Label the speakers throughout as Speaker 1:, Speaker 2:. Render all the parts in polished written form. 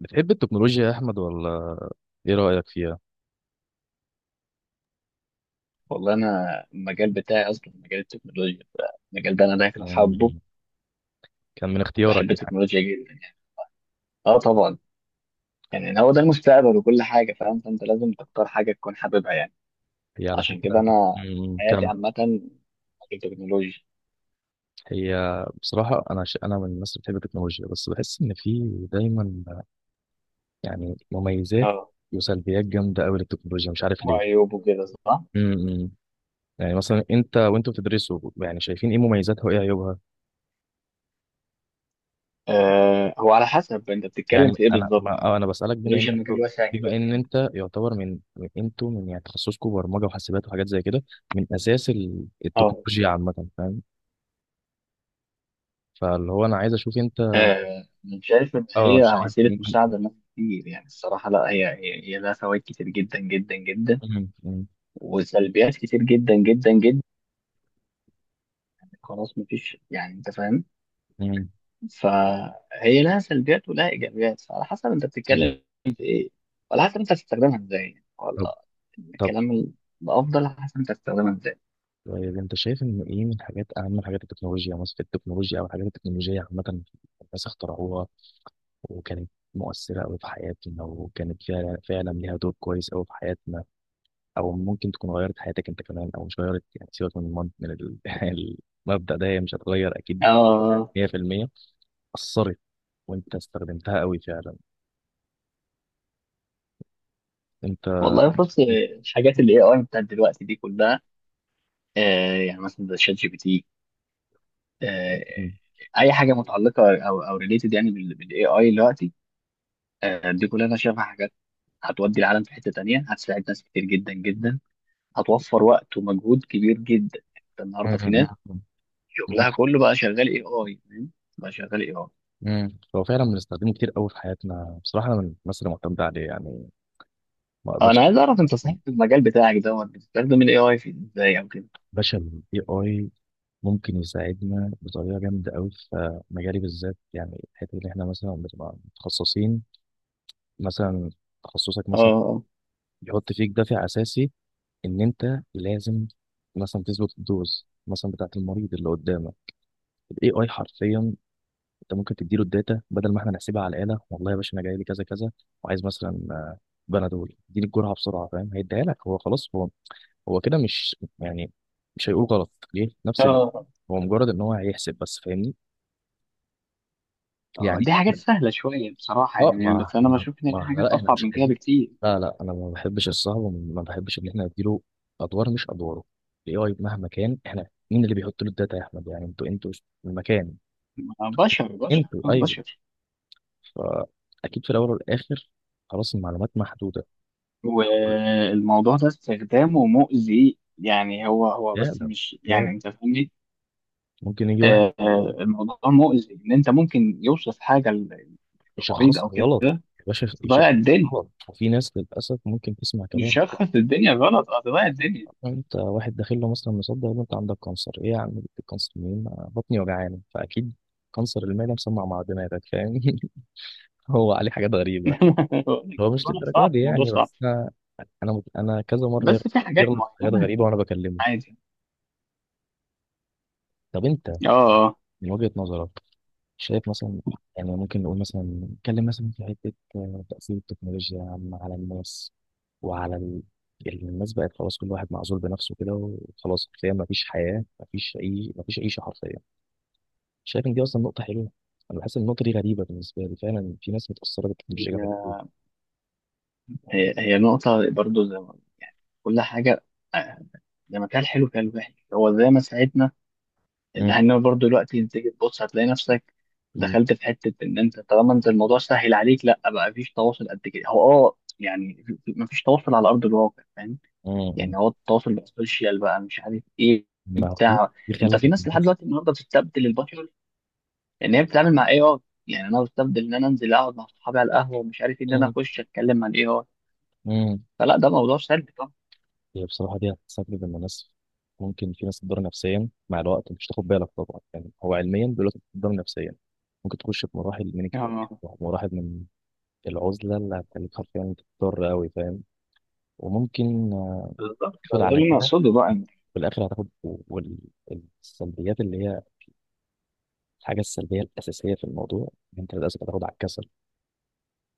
Speaker 1: بتحب التكنولوجيا يا أحمد ولا إيه رأيك فيها؟
Speaker 2: والله انا المجال بتاعي اصلا مجال التكنولوجيا. المجال ده انا داخل
Speaker 1: مم،
Speaker 2: حابه.
Speaker 1: كان من اختيارك
Speaker 2: بحب
Speaker 1: يعني.
Speaker 2: التكنولوجيا جدا يعني. اه، طبعا. يعني هو ده المستقبل وكل حاجه فاهم، فانت لازم تختار حاجه تكون حاببها يعني.
Speaker 1: هي على
Speaker 2: عشان كده
Speaker 1: فكرة
Speaker 2: انا
Speaker 1: مم،
Speaker 2: حياتي
Speaker 1: كان.
Speaker 2: عامه مجال تكنولوجيا.
Speaker 1: هي بصراحة أنا من الناس اللي بتحب التكنولوجيا بس بحس إن في دايما يعني مميزات
Speaker 2: اه،
Speaker 1: وسلبيات جامدة أوي للتكنولوجيا، مش عارف ليه.
Speaker 2: وعيوبه كده صح.
Speaker 1: مم. يعني مثلا أنت وأنتوا بتدرسوا، يعني شايفين إيه مميزاتها وإيه عيوبها؟
Speaker 2: هو على حسب انت
Speaker 1: يعني
Speaker 2: بتتكلم في ايه
Speaker 1: أنا
Speaker 2: بالظبط
Speaker 1: ما...
Speaker 2: يعني.
Speaker 1: آه، أنا بسألك
Speaker 2: التكنولوجيا مجال واسع
Speaker 1: بما
Speaker 2: كبير
Speaker 1: إن
Speaker 2: جدا.
Speaker 1: أنت يعتبر أنتوا من يعني تخصصكم برمجة وحاسبات وحاجات زي كده، من أساس
Speaker 2: اه.
Speaker 1: التكنولوجيا عامة، فاهم؟ فاللي هو انا عايز اشوف انت.
Speaker 2: انا شايف ان
Speaker 1: اه
Speaker 2: هي
Speaker 1: شايف
Speaker 2: وسيله
Speaker 1: م-
Speaker 2: مساعده لناس كتير يعني الصراحه لا هي لها فوائد كتير جدا جدا جدا،
Speaker 1: م- م-
Speaker 2: وسلبيات كتير جدا جدا جدا. خلاص، مفيش يعني انت فاهم.
Speaker 1: م-
Speaker 2: فهي لها سلبيات ولها ايجابيات، فعلى حسب انت
Speaker 1: م-
Speaker 2: بتتكلم في ايه وعلى حسب انت هتستخدمها ازاي،
Speaker 1: طب
Speaker 2: ولا
Speaker 1: طب
Speaker 2: الكلام ال- الافضل على حسب انت هتستخدمها ازاي.
Speaker 1: طيب انت شايف ان ايه من حاجات، اهم حاجات التكنولوجيا، مثلا في التكنولوجيا او الحاجات التكنولوجيه عامه، الناس اخترعوها وكانت مؤثره قوي في حياتنا، وكانت فعلا فعلا ليها دور كويس قوي في حياتنا، او ممكن تكون غيرت حياتك انت كمان او مش غيرت. يعني سيبك من المبدا ده، هي مش هتغير اكيد
Speaker 2: اه.
Speaker 1: 100%، اثرت وانت استخدمتها قوي فعلا انت.
Speaker 2: والله بص،
Speaker 1: م-
Speaker 2: الحاجات اللي اي اي بتاعت دلوقتي دي كلها، يعني مثلا زي شات جي بي تي، آه
Speaker 1: م-
Speaker 2: اي حاجه متعلقه او ريليتد يعني بالاي اي دلوقتي، دي كلها انا شايفها حاجات هتودي العالم في حته تانيه، هتساعد ناس كتير جدا جدا، هتوفر وقت ومجهود كبير جدا. انت
Speaker 1: م-
Speaker 2: النهارده في ناس
Speaker 1: م- م-
Speaker 2: شغلها كله بقى شغال اي اي، فاهم؟ بقى شغال اي اي.
Speaker 1: امم، هو فعلا بنستخدمه كتير قوي في حياتنا بصراحه، انا من الناس اللي معتمده عليه، يعني ما
Speaker 2: انا
Speaker 1: اقدرش.
Speaker 2: عايز اعرف انت صحيح في المجال بتاعك دوت بتستخدم الاي اي في ازاي او كده.
Speaker 1: باشا الاي اي ممكن يساعدنا بطريقه جامده قوي في مجالي بالذات، يعني الحته اللي احنا مثلا بنبقى متخصصين. مثلا تخصصك مثلا
Speaker 2: اه،
Speaker 1: بيحط فيك دافع اساسي ان انت لازم مثلا تظبط الدوز مثلا بتاعت المريض اللي قدامك. الاي اي حرفيا انت ممكن تديله الداتا بدل ما احنا نحسبها على الآلة. والله يا باشا، انا جاي لي كذا كذا وعايز مثلا آه، بنادول، اديني الجرعة بسرعة، فاهم؟ هيديها لك هو، خلاص. هو هو كده مش يعني مش هيقول غلط ليه، نفس
Speaker 2: اه.
Speaker 1: هو مجرد ان هو هيحسب بس، فاهمني؟ يعني
Speaker 2: دي حاجات
Speaker 1: إحنا-
Speaker 2: سهله شويه بصراحه
Speaker 1: اه
Speaker 2: يعني،
Speaker 1: ما
Speaker 2: بس انا
Speaker 1: احنا
Speaker 2: بشوف ان في
Speaker 1: ما احنا
Speaker 2: حاجات
Speaker 1: لا احنا
Speaker 2: اصعب
Speaker 1: مش
Speaker 2: من كده
Speaker 1: عايزين،
Speaker 2: بكتير.
Speaker 1: لا لا، انا ما بحبش الصعب، وما بحبش ان احنا نديله ادوار، مش ادواره. الاي اي مهما كان، احنا مين اللي بيحط له الداتا يا احمد؟ يعني انتوا المكان،
Speaker 2: بشر بشر
Speaker 1: انتوا، ايوه.
Speaker 2: بشر.
Speaker 1: فاكيد في الاول والاخر خلاص، المعلومات محدوده.
Speaker 2: والموضوع ده استخدامه مؤذي يعني، هو بس،
Speaker 1: فعلا
Speaker 2: مش
Speaker 1: فعلا.
Speaker 2: يعني انت فاهمني.
Speaker 1: ممكن يجي واحد
Speaker 2: الموضوع مؤذي ان انت ممكن يوصف حاجه للمريض او
Speaker 1: يشخصها غلط،
Speaker 2: كده،
Speaker 1: يا باشا
Speaker 2: تضيع
Speaker 1: يشخصها
Speaker 2: الدنيا،
Speaker 1: غلط، وفي ناس للأسف ممكن تسمع
Speaker 2: مش
Speaker 1: كلام:
Speaker 2: هتخلص الدنيا غلط، هتضيع الدنيا.
Speaker 1: "أه، أنت واحد داخل له مثلا مصدق إن أنت عندك كانسر، إيه يا عم جبت الكانسر منين؟ أنا بطني وجعانة فأكيد كانسر المعدة"، مسمع مع دماغك فاهم. هو عليه حاجات غريبة.
Speaker 2: بقول لك
Speaker 1: هو مش
Speaker 2: الموضوع
Speaker 1: للدرجة
Speaker 2: صعب
Speaker 1: دي
Speaker 2: الموضوع
Speaker 1: يعني،
Speaker 2: صعب،
Speaker 1: بس أنا أنا كذا مرة
Speaker 2: بس في حاجات
Speaker 1: يغلط في حاجات
Speaker 2: معينة.
Speaker 1: غريبة وأنا بكلمه.
Speaker 2: عادي.
Speaker 1: طب أنت
Speaker 2: اه، اه.
Speaker 1: من وجهة نظرك شايف مثلا، يعني ممكن نقول مثلا نتكلم مثلا في حتة آه، تأثير التكنولوجيا على الناس وعلى الناس، بقت خلاص كل واحد معزول بنفسه كده وخلاص، حرفيا ما فيش حياة، ما فيش أي، ما فيش عيشة حرفيا. شايف إن دي أصلا نقطة حلوة؟ أنا بحس إن النقطة دي غريبة بالنسبة لي، فعلا في ناس متأثرة بالتكنولوجيا جامد
Speaker 2: هي
Speaker 1: أوي.
Speaker 2: هي نقطة برضو زي ما كل حاجة، آه، زي ما كان حلو كان وحش، هو زي ما ساعدنا اللي
Speaker 1: مم.
Speaker 2: هنا برضو دلوقتي، انت تيجي تبص هتلاقي نفسك
Speaker 1: مم.
Speaker 2: دخلت في حتة ان انت طالما انت الموضوع سهل عليك، لا بقى مفيش تواصل قد كده، هو يعني مفيش تواصل على ارض الواقع فاهم. يعني
Speaker 1: مم.
Speaker 2: هو التواصل بقى سوشيال، بقى مش عارف ايه
Speaker 1: ما هو دي،
Speaker 2: بتاع.
Speaker 1: دي
Speaker 2: انت
Speaker 1: خلت
Speaker 2: في ناس لحد
Speaker 1: الناس.
Speaker 2: دلوقتي النهارده بتستبدل البشر، ان هي بتتعامل مع اي اي. يعني انا بستبدل ان انا انزل اقعد مع صحابي على القهوه ومش عارف ايه، ان انا
Speaker 1: مم.
Speaker 2: اخش اتكلم مع الاي اي.
Speaker 1: مم.
Speaker 2: فلا، ده موضوع سلبي طبعا.
Speaker 1: هي بصراحة دي هتستغرب من الناس، ممكن في ناس تضر نفسيا مع الوقت مش تاخد بالك، طبعا يعني هو علميا دلوقتي بتضر نفسيا، ممكن تخش في مراحل من اكتئاب،
Speaker 2: اه.
Speaker 1: مراحل من العزلة، اللي هتخليك حرفيا تضطر أوي فاهم، وممكن آه،
Speaker 2: بالظبط ده
Speaker 1: تاخد على
Speaker 2: اللي انا
Speaker 1: كده
Speaker 2: اقصده بقى
Speaker 1: في الآخر. هتاخد والسلبيات اللي هي الحاجة السلبية الأساسية في الموضوع، إن أنت للأسف هتاخد على الكسل،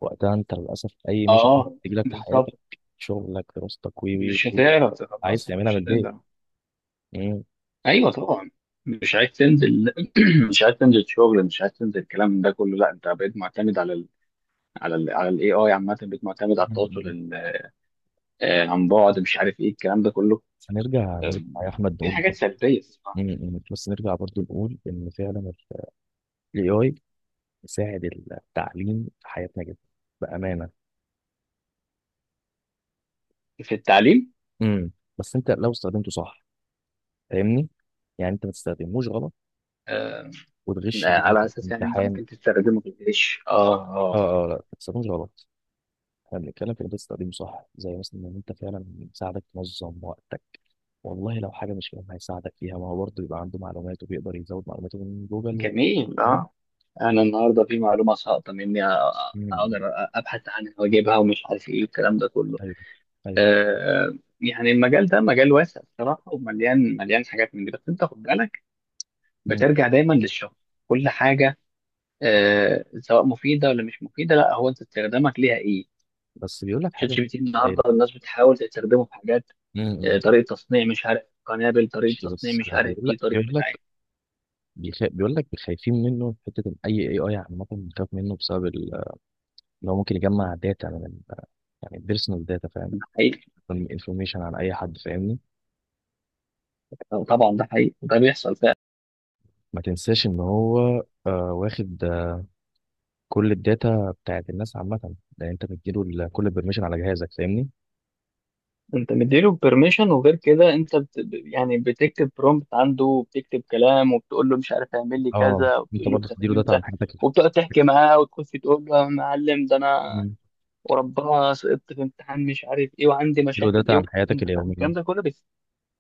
Speaker 1: وقتها أنت للأسف أي ميشن
Speaker 2: اه.
Speaker 1: تجيلك في حياتك،
Speaker 2: بالظبط،
Speaker 1: شغلك، دراستك، وي وي
Speaker 2: مش
Speaker 1: وي،
Speaker 2: هتعرف
Speaker 1: عايز
Speaker 2: تخلصها،
Speaker 1: تعملها من
Speaker 2: مش
Speaker 1: البيت.
Speaker 2: هتقدر. ايوه طبعا. مش عايز تنزل مش عايز تنزل شغل، مش عايز تنزل الكلام ده كله، لا انت بقيت معتمد على ال على ال على الاي اي عامه، بقيت معتمد على التواصل
Speaker 1: مم.
Speaker 2: عن بعد، مش عارف ايه الكلام ده كله. آه،
Speaker 1: نرجع يا احمد
Speaker 2: دي
Speaker 1: نقول
Speaker 2: حاجات
Speaker 1: برضه،
Speaker 2: سلبيه الصراحة.
Speaker 1: يعني يعني بس نرجع برضو نقول ان فعلا الاي اي بيساعد التعليم في حياتنا جدا بامانه.
Speaker 2: في التعليم.
Speaker 1: امم، بس انت لو استخدمته صح فاهمني، يعني انت ما تستخدموش غلط
Speaker 2: آه،
Speaker 1: وتغش بيه
Speaker 2: على
Speaker 1: مثلا في
Speaker 2: اساس يعني انت
Speaker 1: الامتحان.
Speaker 2: ممكن تستخدمه في الجيش.
Speaker 1: اه اه، لا ما تستخدموش غلط، احنا بنتكلم في ان انت تستخدمه صح، زي مثلا ان انت فعلا يساعدك تنظم وقتك، والله لو حاجه مش فاهمها هيساعدك فيها، ما هو برضه يبقى عنده معلومات وبيقدر يزود معلوماته من جوجل و...
Speaker 2: جميل، اه. انا النهارده في معلومه ساقطه مني،
Speaker 1: مم.
Speaker 2: اقدر ابحث عنها واجيبها، ومش عارف ايه الكلام ده كله.
Speaker 1: ايوه ايوه
Speaker 2: يعني المجال ده مجال واسع الصراحه ومليان مليان حاجات من دي، بس انت خد بالك بترجع دايما للشخص. كل حاجه، سواء مفيده ولا مش مفيده، لا هو انت استخدامك ليها ايه.
Speaker 1: بس بيقول لك
Speaker 2: شات
Speaker 1: حاجه.
Speaker 2: جي بي تي النهارده
Speaker 1: طيب
Speaker 2: الناس بتحاول تستخدمه في حاجات،
Speaker 1: امم،
Speaker 2: طريقه تصنيع مش عارف قنابل، طريقه
Speaker 1: ماشي
Speaker 2: تصنيع
Speaker 1: بس
Speaker 2: مش
Speaker 1: أنا
Speaker 2: عارف ايه، طريقه
Speaker 1: بيقول
Speaker 2: بتاع
Speaker 1: لك
Speaker 2: إيه.
Speaker 1: بيقول لك خايفين منه في حته، ان اي اي، اي عامه بنخاف منه بسبب ان هو ممكن يجمع داتا من يعني بيرسونال داتا فاهم،
Speaker 2: ده حقيقي.
Speaker 1: انفورميشن عن اي حد فاهمني.
Speaker 2: طبعا ده حقيقي، ده بيحصل فعلا.
Speaker 1: ما تنساش ان هو آه، واخد آه، كل الداتا بتاعت الناس عامه، ده انت بتديله كل البرميشن على جهازك فاهمني.
Speaker 2: انت مديله بيرميشن، وغير كده انت يعني بتكتب برومبت عنده، وبتكتب كلام، وبتقول له مش عارف اعمل لي
Speaker 1: اه
Speaker 2: كذا،
Speaker 1: انت
Speaker 2: وبتقول له
Speaker 1: برضه
Speaker 2: انت فاهم
Speaker 1: بتديله داتا
Speaker 2: انت.
Speaker 1: عن حياتك
Speaker 2: وبتقعد تحكي معاه، وتخش تقول له يا معلم، ده انا
Speaker 1: مم.
Speaker 2: وربنا سقطت في امتحان مش عارف ايه، وعندي
Speaker 1: بتديله
Speaker 2: مشاكل
Speaker 1: داتا
Speaker 2: ايه.
Speaker 1: عن حياتك
Speaker 2: انت فاهم
Speaker 1: اليوميه.
Speaker 2: الكلام ده كله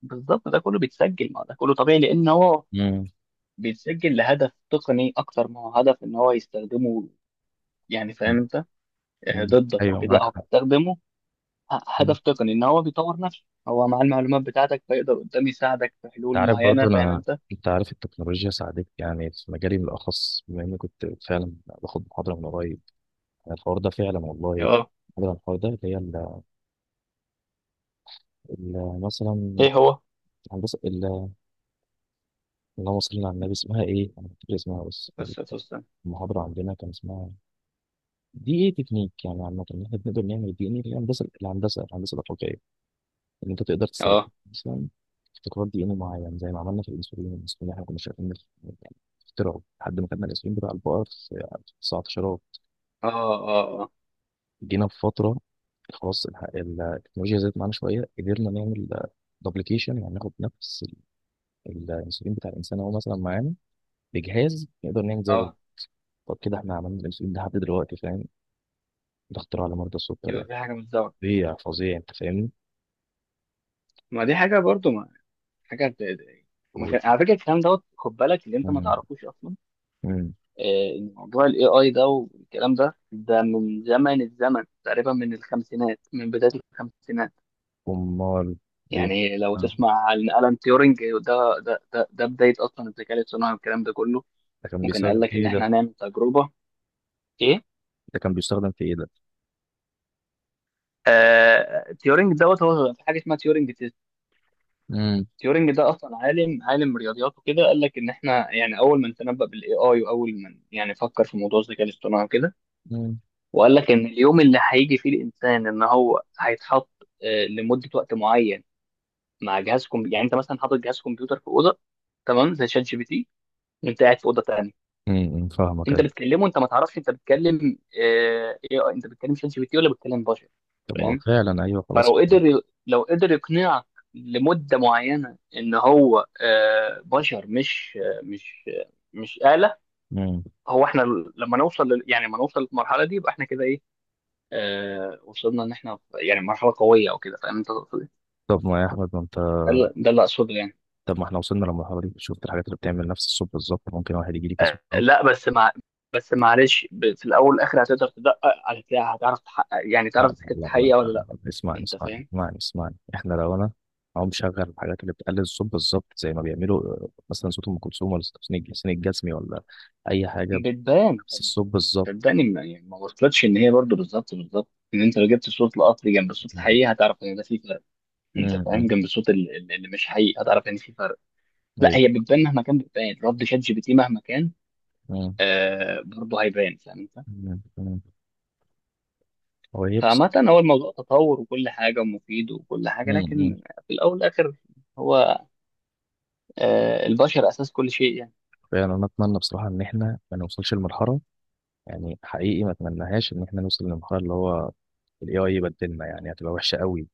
Speaker 2: بالظبط، ده كله بيتسجل. ما ده كله طبيعي، لان هو
Speaker 1: امم،
Speaker 2: بيتسجل لهدف تقني اكتر ما هو هدف ان هو يستخدمه يعني فاهم انت، ضدك او
Speaker 1: ايوه
Speaker 2: كده، لا
Speaker 1: معاك
Speaker 2: هو
Speaker 1: حق.
Speaker 2: بيستخدمه هدف تقني، ان هو بيطور نفسه هو مع المعلومات بتاعتك، فيقدر قدام يساعدك في
Speaker 1: انت
Speaker 2: حلول
Speaker 1: عارف
Speaker 2: معينه
Speaker 1: برضه
Speaker 2: فاهم انت.
Speaker 1: انت عارف التكنولوجيا ساعدتني يعني في مجالي بالاخص، بما اني كنت فعلا باخد محاضره من قريب. يعني الحوار ده فعلا والله،
Speaker 2: اه.
Speaker 1: محاضره عن الحوار ده، اللي هي مثلا
Speaker 2: ايه هو.
Speaker 1: هندسه اللهم صل على النبي، اسمها ايه؟ انا مش فاكر اسمها بس.
Speaker 2: بس استنى.
Speaker 1: المحاضره عندنا كان اسمها دي، ايه تكنيك يعني عامه ان احنا بنقدر نعمل دي، ان ايه الهندسه الاخلاقيه، ان انت تقدر تستخدم
Speaker 2: اه،
Speaker 1: مثلا ابتكارات دي ان ايه معين، زي ما عملنا في الانسولين. الانسولين احنا كنا شايفين إنه يعني اخترعه لحد ما كنا، الانسولين بتاع البقر في 19،
Speaker 2: اه، اه، اه،
Speaker 1: جينا في فتره خلاص التكنولوجيا زادت معانا شويه، قدرنا نعمل دوبليكيشن، يعني ناخد نفس الانسولين بتاع الانسان هو مثلا معانا، بجهاز نقدر نعمل زيه.
Speaker 2: اه.
Speaker 1: طب كده احنا عملنا الانسولين ده لحد دلوقتي فاهم، ده اختراع لمرضى السكر
Speaker 2: يبقى
Speaker 1: يعني،
Speaker 2: في حاجه متزوجه.
Speaker 1: فظيع فظيع انت فاهمني.
Speaker 2: ما دي حاجه برضو، ما حاجه ما
Speaker 1: و-
Speaker 2: كان- على فكره الكلام دوت خد بالك اللي انت ما
Speaker 1: مم.
Speaker 2: تعرفوش اصلا.
Speaker 1: مم.
Speaker 2: موضوع الاي اي ده والكلام ده من زمن الزمن تقريبا، من الخمسينات من بداية الخمسينات.
Speaker 1: امال ليه،
Speaker 2: يعني لو
Speaker 1: آه.
Speaker 2: تسمع عن ألان تيورينج، ده بداية أصلا الذكاء الاصطناعي والكلام ده كله.
Speaker 1: ده كان
Speaker 2: ممكن قال
Speaker 1: بيستخدم
Speaker 2: لك
Speaker 1: في
Speaker 2: إن
Speaker 1: ايه
Speaker 2: إحنا
Speaker 1: ده؟
Speaker 2: هنعمل تجربة إيه.
Speaker 1: ده كان بيستخدم في ايه ده؟
Speaker 2: تيورينج دوت هو في حاجة اسمها تيورينج تيست.
Speaker 1: مم.
Speaker 2: تيورينج ده أصلا عالم رياضيات وكده، قال لك إن إحنا يعني أول من تنبأ بالإي آي، وأول من يعني فكر في موضوع الذكاء الاصطناعي وكده.
Speaker 1: مم.
Speaker 2: وقال لك ان اليوم اللي هيجي فيه الانسان ان هو هيتحط لمده وقت معين مع جهاز كمبيوتر. يعني انت مثلا حاطط جهاز كمبيوتر في اوضه، تمام زي شات جي بي تي، وانت قاعد في اوضه تانيه،
Speaker 1: مم. فاهمك
Speaker 2: انت
Speaker 1: ايوه.
Speaker 2: بتكلمه، انت ما تعرفش انت بتكلم ايه، انت بتكلم شات جي بي تي ولا بتكلم بشر،
Speaker 1: طب ما هو
Speaker 2: فاهم.
Speaker 1: فعلا ايوه خلاص.
Speaker 2: فلو قدر لو قدر يقنعك لمده معينه ان هو بشر، مش آلة.
Speaker 1: مم.
Speaker 2: هو احنا يعني لما نوصل للمرحله دي، يبقى احنا كده ايه، وصلنا ان احنا يعني مرحله قويه او كده، فاهم انت تقصد إيه؟
Speaker 1: طب ما يا احمد ما انت،
Speaker 2: ده اللي اقصده يعني.
Speaker 1: طب ما احنا وصلنا للمرحله دي، شفت الحاجات اللي بتعمل نفس الصوت بالظبط، ممكن واحد يجي لي كسكر.
Speaker 2: آه، لا بس مع بس معلش، في الاول والاخر هتقدر تدقق، هتعرف تحقق، يعني تعرف
Speaker 1: لا
Speaker 2: اذا كانت
Speaker 1: لا لا لا
Speaker 2: حقيقه ولا
Speaker 1: لا
Speaker 2: لا،
Speaker 1: لا اسمعني
Speaker 2: انت
Speaker 1: اسمعني
Speaker 2: فاهم.
Speaker 1: اسمعني اسمعني، احنا لو انا اهو مشغل الحاجات اللي بتقلل الصوت بالظبط، زي ما بيعملوا آه، مثلا صوت ام كلثوم ولا صوت حسين الجسمي ولا اي حاجه،
Speaker 2: بتبان.
Speaker 1: بس الصوت بالظبط.
Speaker 2: صدقني، يعني ما وصلتش ان هي برضو بالظبط بالظبط. ان انت لو جبت صوت القطر جنب الصوت
Speaker 1: مم،
Speaker 2: الحقيقي، هتعرف ان ده في فرق. انت فاهم،
Speaker 1: مم،
Speaker 2: جنب الصوت اللي مش حقيقي، هتعرف ان في فرق. لا
Speaker 1: ايوه،
Speaker 2: هي بتبان مهما كان، بتبان رد شات جي بي تي مهما كان.
Speaker 1: مم،
Speaker 2: برضه هيبان، فاهم انت؟
Speaker 1: مم، مم. هو يبس،
Speaker 2: فعامة، هو الموضوع تطور وكل حاجة ومفيد وكل حاجة، لكن في الأول والآخر، هو البشر أساس كل شيء يعني.
Speaker 1: فعلا انا اتمنى بصراحه ان احنا ما نوصلش لمرحله، يعني حقيقي ما اتمناهاش ان احنا نوصل لمرحله اللي هو الاي اي يبدلنا، يعني هتبقى وحشه قوي